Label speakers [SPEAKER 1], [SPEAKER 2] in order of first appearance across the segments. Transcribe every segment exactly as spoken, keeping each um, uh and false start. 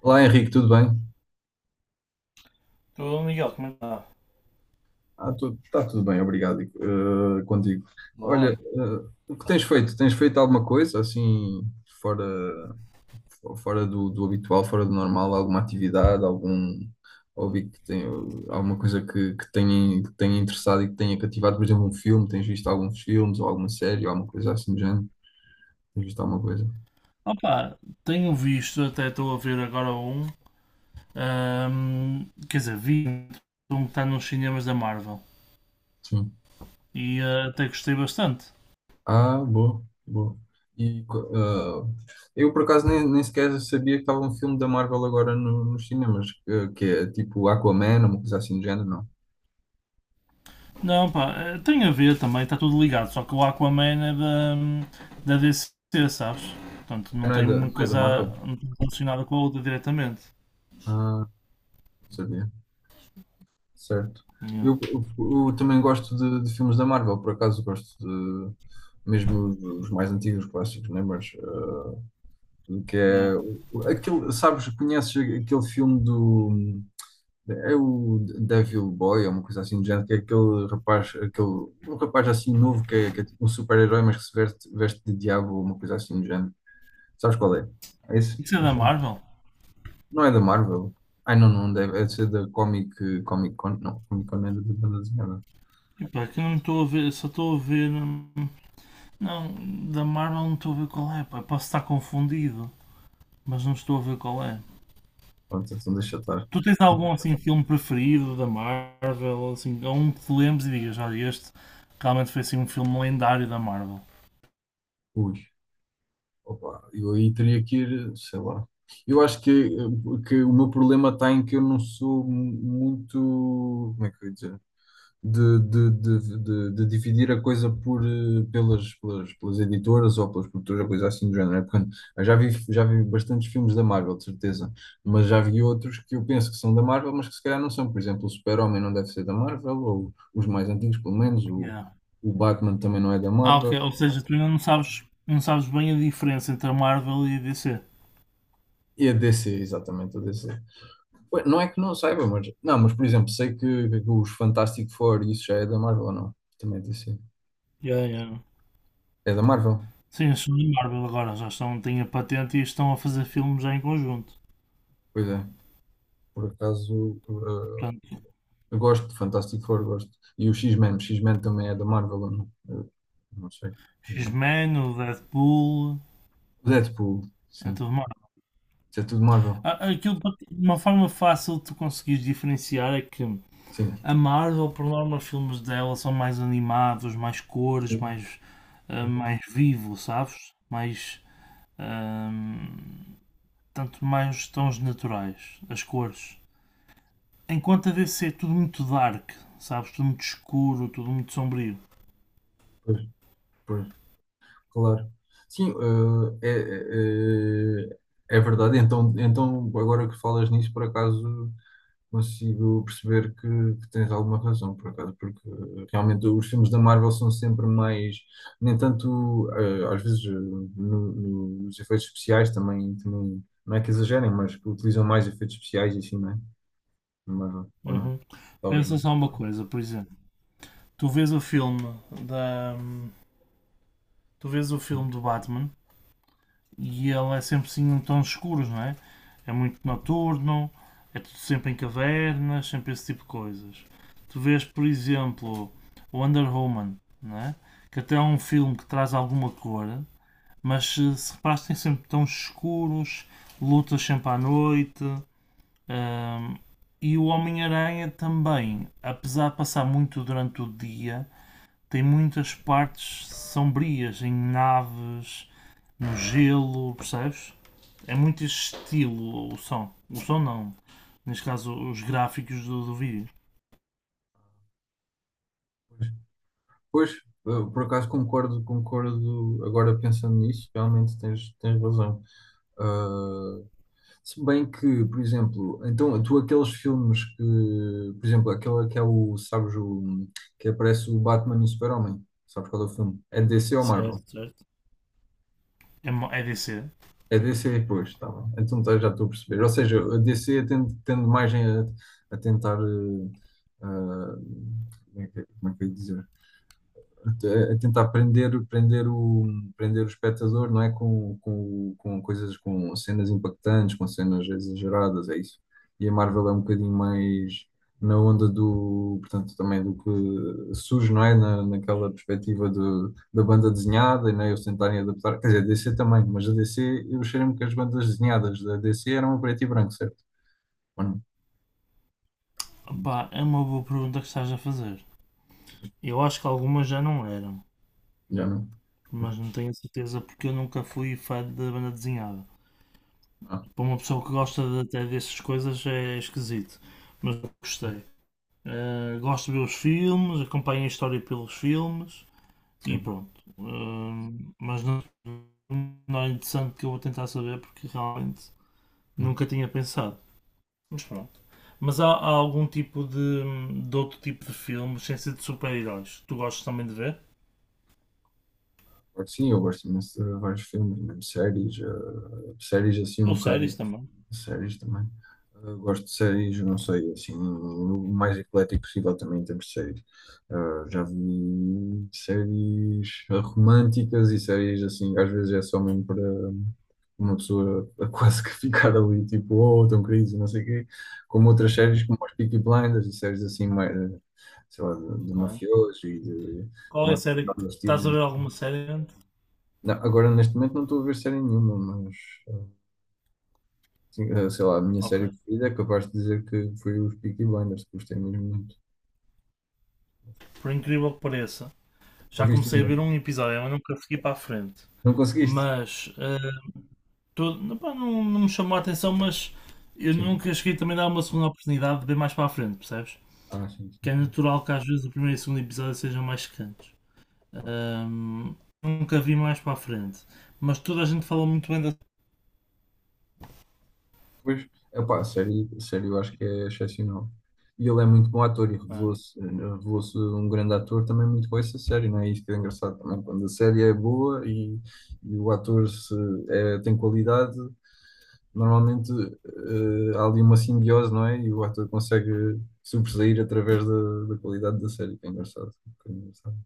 [SPEAKER 1] Olá Henrique, tudo bem?
[SPEAKER 2] Tudo, Miguel, como é que está?
[SPEAKER 1] Ah, Está tudo bem, obrigado, eh, contigo. Olha,
[SPEAKER 2] Boa.
[SPEAKER 1] eh, o que tens feito? Tens feito alguma coisa assim fora, fora do, do habitual, fora do normal, alguma atividade, algum hobby que tem alguma coisa que, que tenha, que tenha interessado e que tenha cativado, por exemplo, um filme, tens visto alguns filmes ou alguma série ou alguma coisa assim do género? Tens visto alguma coisa?
[SPEAKER 2] Opa, tenho visto, até estou a ver agora um, ahm, quer dizer, vi um que está nos cinemas da Marvel
[SPEAKER 1] Sim.
[SPEAKER 2] e ah, até gostei bastante.
[SPEAKER 1] Ah, boa, boa. E, ah, eu, por acaso, nem, nem sequer sabia que estava um filme da Marvel agora no, nos cinemas, que, que é tipo Aquaman, uma coisa assim do género, não.
[SPEAKER 2] Não, pá, eh, tem a ver também, está tudo ligado, só que o Aquaman é da, da D C, sabes? Portanto, não
[SPEAKER 1] Não é
[SPEAKER 2] tem
[SPEAKER 1] da,
[SPEAKER 2] muita
[SPEAKER 1] não é da
[SPEAKER 2] coisa,
[SPEAKER 1] Marvel?
[SPEAKER 2] não tem relacionada com a outra diretamente.
[SPEAKER 1] Ah, não sabia. Certo.
[SPEAKER 2] Yeah,
[SPEAKER 1] Eu, eu, eu também gosto de, de filmes da Marvel, por acaso gosto de, mesmo os os mais antigos clássicos, né? Mas, ah, que
[SPEAKER 2] yeah.
[SPEAKER 1] é, o- o- aquele, sabes, conheces aquele filme do... É o Devil Boy, é uma coisa assim do género, que é aquele rapaz, aquele, um rapaz assim novo que é, que é tipo um super-herói, mas que se veste, veste de diabo ou uma coisa assim do género. Sabes qual é? É esse?
[SPEAKER 2] Isso é
[SPEAKER 1] É
[SPEAKER 2] da
[SPEAKER 1] esse.
[SPEAKER 2] Marvel?
[SPEAKER 1] Não é da Marvel? Ai, não, não deve, é de ser da Comic, Comic Con, não, Comic Con é da da banda desenhada.
[SPEAKER 2] E pá, que eu não estou a ver, só estou a ver. hum, Não, da Marvel não estou a ver qual é, pá. Posso estar confundido, mas não estou a ver qual é.
[SPEAKER 1] Pronto, então deixa estar.
[SPEAKER 2] Tu tens algum assim filme preferido da Marvel, assim, ou um que te lembres e digas, olha, este realmente foi assim um filme lendário da Marvel.
[SPEAKER 1] Ui, opa, eu aí teria que ir, sei lá. Eu acho que, que o meu problema está em que eu não sou mu- muito, como é que eu ia dizer? de, de, de, de, de dividir a coisa por, eh, pelas, pelas, pelas editoras ou pelas produtoras, coisa assim do género. É porque eu já vi, já vi bastantes filmes da Marvel, de certeza, mas já vi outros que eu penso que são da Marvel, mas que se calhar não são. Por exemplo, o Super-Homem não deve ser da Marvel, ou os mais antigos, pelo menos, o,
[SPEAKER 2] Yeah.
[SPEAKER 1] o Batman também não é da
[SPEAKER 2] Ah, ok,
[SPEAKER 1] Marvel.
[SPEAKER 2] ou seja, tu ainda não sabes, não sabes bem a diferença entre a Marvel e a D C.
[SPEAKER 1] E a D C, exatamente, a D C. Ué, não é que não saiba, mas. Não, mas por exemplo, sei que, que os Fantastic Four, isso já é da Marvel ou não? Também é D C.
[SPEAKER 2] Yeah, yeah.
[SPEAKER 1] É da Marvel?
[SPEAKER 2] Sim, eles são da Marvel agora, já estão, têm a patente e estão a fazer filmes já em conjunto.
[SPEAKER 1] Pois é. Por acaso, eh,
[SPEAKER 2] Portanto,
[SPEAKER 1] eu gosto de Fantastic Four, gosto. E o X-Men, o X-Men também é da Marvel, ou não? Eu não sei.
[SPEAKER 2] X men, o Deadpool,
[SPEAKER 1] O Deadpool,
[SPEAKER 2] é
[SPEAKER 1] sim.
[SPEAKER 2] tudo.
[SPEAKER 1] Isso é tudo Marvel.
[SPEAKER 2] Ah, aquilo, uma forma fácil de tu conseguires diferenciar é que
[SPEAKER 1] Sim.
[SPEAKER 2] a Marvel, por norma, os filmes dela são mais animados, mais cores,
[SPEAKER 1] Pois,
[SPEAKER 2] mais, ah, mais vivo, sabes? Mais, ahm, tanto mais os tons naturais, as cores. Enquanto a D C é tudo muito dark, sabes? Tudo muito escuro, tudo muito sombrio.
[SPEAKER 1] pois, pois, claro. Sim, eh, é, é, é é verdade. Então, então, agora que falas nisso, por acaso, consigo perceber que, que tens alguma razão, por acaso, porque eh, realmente os filmes da Marvel são sempre mais, nem tanto, eh, às vezes, eh, no- no- nos efeitos especiais também, também, não é que exagerem, mas que utilizam mais efeitos especiais e assim, não é? Na Marvel, ou não?
[SPEAKER 2] Uhum.
[SPEAKER 1] Talvez
[SPEAKER 2] Pensa
[SPEAKER 1] não.
[SPEAKER 2] só uma coisa, por exemplo, tu vês o filme da, tu vês o filme do Batman e ele é sempre assim em tons escuros, não é? É muito noturno, é tudo sempre em cavernas, sempre esse tipo de coisas. Tu vês, por exemplo, Wonder Woman, não é? Que até é um filme que traz alguma cor, mas se se reparas, tem sempre tons escuros, lutas sempre à noite. Hum, e o Homem-Aranha também, apesar de passar muito durante o dia, tem muitas partes sombrias em naves, no gelo, percebes? É muito esse estilo o som. O som não. Neste caso, os gráficos do, do vídeo.
[SPEAKER 1] Pois, eh, por acaso concordo, concordo, agora pensando nisso, realmente tens, tens razão. Ah, Se bem que, por exemplo, então tu aqueles filmes que, por exemplo, aquele que é o, sabes, o, que aparece o Batman e o Super-Homem, sabes qual é o filme? É D C ou Marvel?
[SPEAKER 2] Certo, certo. É, mo- é D C.
[SPEAKER 1] É D C, pois, tá bem. Então tá, já estou a perceber. Ou seja, a D C tende, tende mais a, a tentar, eh, ah, como é que, como é que eu ia dizer? A tentar prender, prender o, prender o espectador, não é? Com, com, com coisas, com cenas impactantes, com cenas exageradas, é isso. E a Marvel é um bocadinho mais na onda do, portanto, também do que surge, não é? Na, naquela perspectiva do, da banda desenhada, e não é? Eles tentarem adaptar, quer dizer, a D C também, mas a D C, eu cheiro-me que as bandas desenhadas da D C eram a preto e branco, certo? Ou não?
[SPEAKER 2] Pá, é uma boa pergunta que estás a fazer. Eu acho que algumas já não eram,
[SPEAKER 1] Já não?
[SPEAKER 2] mas não tenho certeza porque eu nunca fui fã da banda desenhada.
[SPEAKER 1] Ah,
[SPEAKER 2] Para uma pessoa que gosta de- até dessas coisas é esquisito, mas eu gostei. Eh, gosto de ver os filmes, acompanho a história pelos filmes. E
[SPEAKER 1] sim.
[SPEAKER 2] pronto. Hum, mas não, não, é interessante que eu vou tentar saber porque realmente nunca tinha pensado. Mas pronto. Mas há, há algum tipo de, de outro tipo de filmes, sem ser de super-heróis, que tu gostas também de ver?
[SPEAKER 1] Claro que sim, eu gosto imenso de vários filmes, mesmo séries, eh, séries assim um
[SPEAKER 2] Ou
[SPEAKER 1] bocado,
[SPEAKER 2] séries também?
[SPEAKER 1] séries também. Eh, gosto de séries, não sei, assim, o mais eclético possível também em termos de séries. Eh, já vi séries românticas e séries assim, às vezes é só mesmo para uma pessoa a quase que ficar ali, tipo, oh, tão crise, não sei o quê, como outras
[SPEAKER 2] Já,
[SPEAKER 1] séries como as Peaky Blinders e séries assim mais, eh, sei lá, de, de
[SPEAKER 2] ok.
[SPEAKER 1] mafiosos e de
[SPEAKER 2] Qual é a
[SPEAKER 1] malta que dá
[SPEAKER 2] série que
[SPEAKER 1] nos tiros,
[SPEAKER 2] estás a ver, alguma série antes?
[SPEAKER 1] não, agora, neste momento, não estou a ver série nenhuma, mas eh, sim, eh, sei lá, a minha
[SPEAKER 2] Ok.
[SPEAKER 1] série preferida é capaz de dizer que foi os Peaky Blinders, que gostei mesmo muito.
[SPEAKER 2] Por incrível que pareça,
[SPEAKER 1] Não
[SPEAKER 2] já
[SPEAKER 1] viste
[SPEAKER 2] comecei a
[SPEAKER 1] ainda?
[SPEAKER 2] ver um episódio, mas nunca fiquei para a frente.
[SPEAKER 1] Não conseguiste?
[SPEAKER 2] Mas hum, Todo- não, pá, não- não me chamou a atenção, mas eu
[SPEAKER 1] Sim.
[SPEAKER 2] nunca cheguei também a dar uma segunda oportunidade de ver mais para a frente, percebes?
[SPEAKER 1] Ah, sim, sim,
[SPEAKER 2] Que é
[SPEAKER 1] sim.
[SPEAKER 2] natural que às vezes o primeiro e o segundo episódio sejam mais secantes.
[SPEAKER 1] Claro.
[SPEAKER 2] Ahm, Nunca vi mais para a frente, mas toda a gente fala muito bem da.
[SPEAKER 1] Pois, epá, a série, a série eu acho que é excepcional. E ele é muito bom ator e
[SPEAKER 2] Pá,
[SPEAKER 1] revelou-se revelou um grande ator também muito com essa série, não é? Isso que é engraçado também, quando a série é boa e, e o ator se, é- tem qualidade, normalmente eh, há ali uma simbiose, não é? E o ator consegue sobressair através da, da qualidade da série, que é engraçado. Que é engraçado.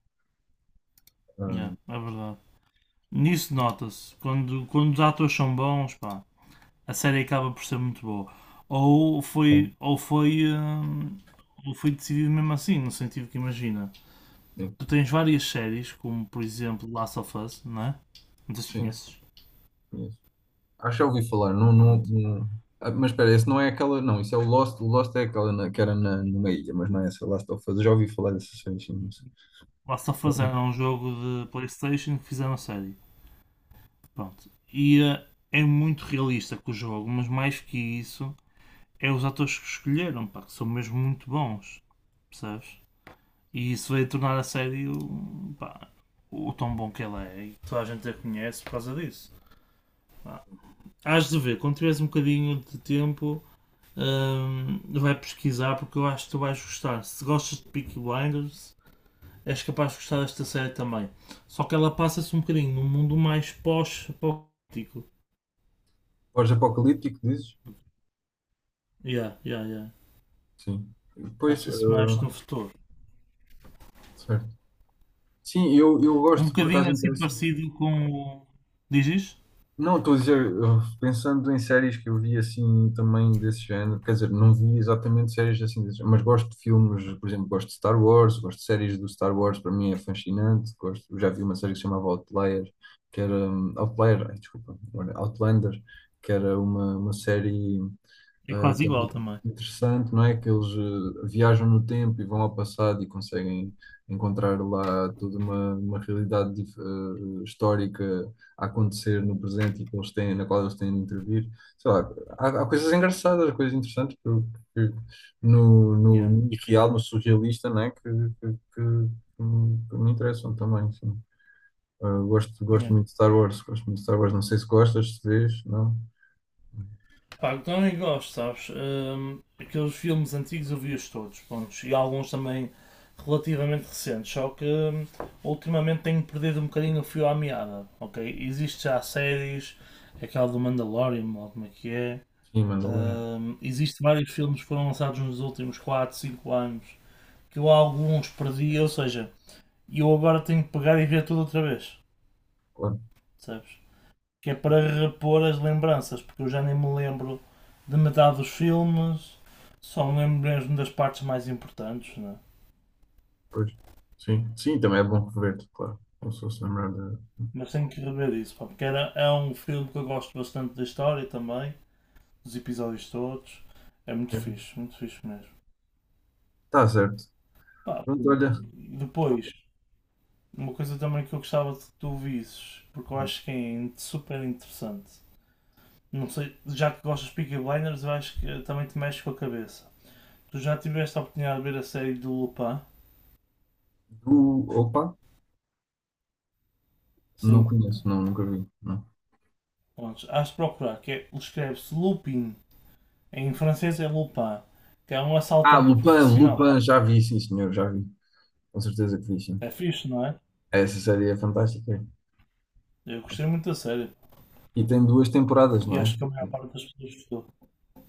[SPEAKER 2] yeah,
[SPEAKER 1] Ah,
[SPEAKER 2] é verdade. Nisso nota-se, quando, quando os atores são bons, pá, a série acaba por ser muito boa. Ou
[SPEAKER 1] bom,
[SPEAKER 2] foi, ou foi, ahm, ou foi decidido mesmo assim, no sentido que imagina.
[SPEAKER 1] sim,
[SPEAKER 2] Tu tens várias séries, como por exemplo Last of Us, não é? Não sei se
[SPEAKER 1] sim,
[SPEAKER 2] conheces.
[SPEAKER 1] conheço. Acho que já ouvi falar, não, não,
[SPEAKER 2] Pronto.
[SPEAKER 1] não- ah, mas espera, esse não é aquela, não, isso é o Lost, o Lost é aquela na- que era na, numa ilha, mas não é essa, Last of Us, já ouvi falar dessa série, sim, não sei.
[SPEAKER 2] Last of Us era um jogo de Playstation que fizeram a série. Pronto. E eh, é muito realista com o jogo, mas mais que isso, é os atores que escolheram, pá, que são mesmo muito bons. Percebes? E isso veio tornar a série o, pá, o tão bom que ela é, e toda a gente a conhece por causa disso. Pá. Hás de ver, quando tiveres um bocadinho de tempo, hum, vai pesquisar, porque eu acho que tu vais gostar. Se gostas de Peaky Blinders, és capaz de gostar desta série também. Só que ela passa-se um bocadinho num mundo mais pós-apocalíptico.
[SPEAKER 1] Pós-apocalíptico, dizes?
[SPEAKER 2] Yeah, yeah, yeah.
[SPEAKER 1] Sim. Pois,
[SPEAKER 2] Passa-se mais
[SPEAKER 1] ah,
[SPEAKER 2] no futuro.
[SPEAKER 1] certo. Sim, eu, eu
[SPEAKER 2] Um
[SPEAKER 1] gosto, por acaso
[SPEAKER 2] bocadinho assim
[SPEAKER 1] interessa.
[SPEAKER 2] parecido com o. Diz isto?
[SPEAKER 1] Não, estou a dizer, eu- pensando em séries que eu vi assim também desse género, quer dizer, não vi exatamente séries assim desse género, mas gosto de filmes, por exemplo, gosto de Star Wars, gosto de séries do Star Wars, para mim é fascinante, gosto, eu já vi uma série que se chamava Outlier, que era, hum, Outlier, ai, desculpa, olha, Outlander, que era uma, uma série
[SPEAKER 2] É
[SPEAKER 1] eh,
[SPEAKER 2] quase igual
[SPEAKER 1] também
[SPEAKER 2] também.
[SPEAKER 1] interessante, não é? Que eles eh, viajam no tempo e vão ao passado e conseguem encontrar lá toda uma, uma realidade dif- eh, histórica a acontecer no presente e que eles têm, na qual eles têm de intervir. Sei lá, há, há coisas engraçadas, coisas interessantes que, que- no, no,
[SPEAKER 2] Yeah,
[SPEAKER 1] no irreal, no surrealista, não é? Que, que, que, que me que me interessam também, sim. Eh, gosto,
[SPEAKER 2] yeah.
[SPEAKER 1] gosto muito de Star Wars, gosto muito de Star Wars. Não sei se gostas, se vês, não?
[SPEAKER 2] Pá, eu também gosto, sabes? Hum, aqueles filmes antigos eu vi-os todos, pontos, e alguns também relativamente recentes, só que hum, ultimamente tenho perdido um bocadinho o fio à meada, ok? Existem já séries, aquela do Mandalorian, ou como é que é,
[SPEAKER 1] Sim, Mandalorian.
[SPEAKER 2] hum, existe vários filmes que foram lançados nos últimos quatro, cinco anos, que eu alguns perdi, ou seja, eu agora tenho que pegar e ver tudo outra vez,
[SPEAKER 1] Claro.
[SPEAKER 2] sabes? Que é para repor as lembranças, porque eu já nem me lembro de metade dos filmes, só me lembro mesmo das partes mais importantes, né?
[SPEAKER 1] Pois. Sim, sim, também é bom rever-te, claro. Como se fosse lembrar de.
[SPEAKER 2] Mas tenho que rever isso, pá, porque era, é um filme que eu gosto bastante da história também, dos episódios todos, é muito
[SPEAKER 1] É.
[SPEAKER 2] fixe, muito fixe mesmo.
[SPEAKER 1] Tá certo.
[SPEAKER 2] Pá,
[SPEAKER 1] Pronto,
[SPEAKER 2] pronto.
[SPEAKER 1] olha.
[SPEAKER 2] E depois, uma coisa também que eu gostava de que tu visses, porque eu acho que é super interessante, não sei, já que gostas de Peaky Blinders, eu acho que também te mexe com a cabeça. Tu já tiveste a oportunidade de ver a série do Lupin?
[SPEAKER 1] Do... Opa, não
[SPEAKER 2] Sim,
[SPEAKER 1] conheço, não, nunca vi. Não.
[SPEAKER 2] pronto, hás de procurar, que é, escreve-se Lupin, em francês é Lupin, que é um
[SPEAKER 1] Ah,
[SPEAKER 2] assaltante
[SPEAKER 1] Lupin,
[SPEAKER 2] profissional.
[SPEAKER 1] Lupin, já vi, sim, senhor, já vi. Com certeza que vi, sim.
[SPEAKER 2] É fixe, não é?
[SPEAKER 1] Essa série é fantástica.
[SPEAKER 2] Eu gostei muito da série.
[SPEAKER 1] E tem duas temporadas,
[SPEAKER 2] E
[SPEAKER 1] não
[SPEAKER 2] acho que a
[SPEAKER 1] é?
[SPEAKER 2] maior parte das pessoas gostou.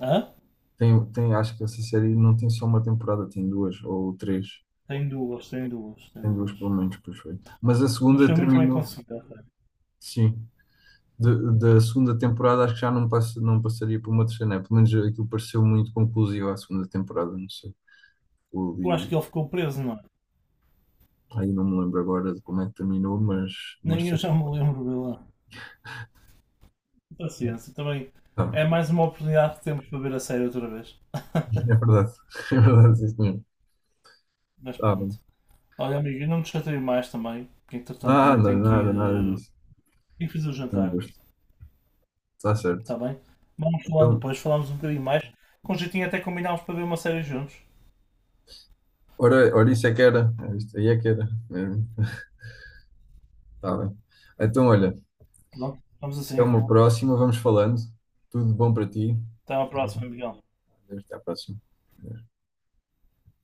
[SPEAKER 2] Hã?
[SPEAKER 1] Tem, tem, acho que essa série não tem só uma temporada, tem duas ou três.
[SPEAKER 2] Tem duas, tem duas, tem
[SPEAKER 1] Tem duas,
[SPEAKER 2] duas.
[SPEAKER 1] pelo menos, pois foi. Mas a
[SPEAKER 2] Mas
[SPEAKER 1] segunda
[SPEAKER 2] foi muito bem
[SPEAKER 1] terminou,
[SPEAKER 2] conseguida a série.
[SPEAKER 1] sim. De- da segunda temporada acho que já não, passa, não passaria por uma terceira, né? Pelo menos aquilo pareceu muito conclusivo à segunda temporada, não sei. Eu
[SPEAKER 2] Eu acho que
[SPEAKER 1] li,
[SPEAKER 2] ele ficou preso, não é?
[SPEAKER 1] aí não me lembro agora de como é que terminou, mas, mas
[SPEAKER 2] Nem eu
[SPEAKER 1] sei
[SPEAKER 2] já
[SPEAKER 1] que.
[SPEAKER 2] me lembro dele lá. Paciência, também
[SPEAKER 1] Tá,
[SPEAKER 2] é mais uma oportunidade que temos para ver a série outra vez.
[SPEAKER 1] é verdade, é verdade, isso mesmo.
[SPEAKER 2] Mas
[SPEAKER 1] Tá bem.
[SPEAKER 2] pronto. Olha, amigo, eu não me chatei mais também, porque entretanto também
[SPEAKER 1] Nada,
[SPEAKER 2] tenho que ir.
[SPEAKER 1] nada, nada
[SPEAKER 2] Eh,
[SPEAKER 1] disso.
[SPEAKER 2] tenho que fazer o
[SPEAKER 1] Foi um
[SPEAKER 2] jantar.
[SPEAKER 1] gosto. Está certo.
[SPEAKER 2] Está bem? Vamos falando
[SPEAKER 1] Então,
[SPEAKER 2] depois, falamos um bocadinho mais. Com jeitinho até combinámos para ver uma série juntos.
[SPEAKER 1] ora, ora, isso é que era. É isto aí é que era. Está bem. Então, olha,
[SPEAKER 2] Pronto, vamos
[SPEAKER 1] até
[SPEAKER 2] assim.
[SPEAKER 1] uma próxima, vamos falando. Tudo de bom para ti.
[SPEAKER 2] Até à próxima, Miguel.
[SPEAKER 1] Até à próxima.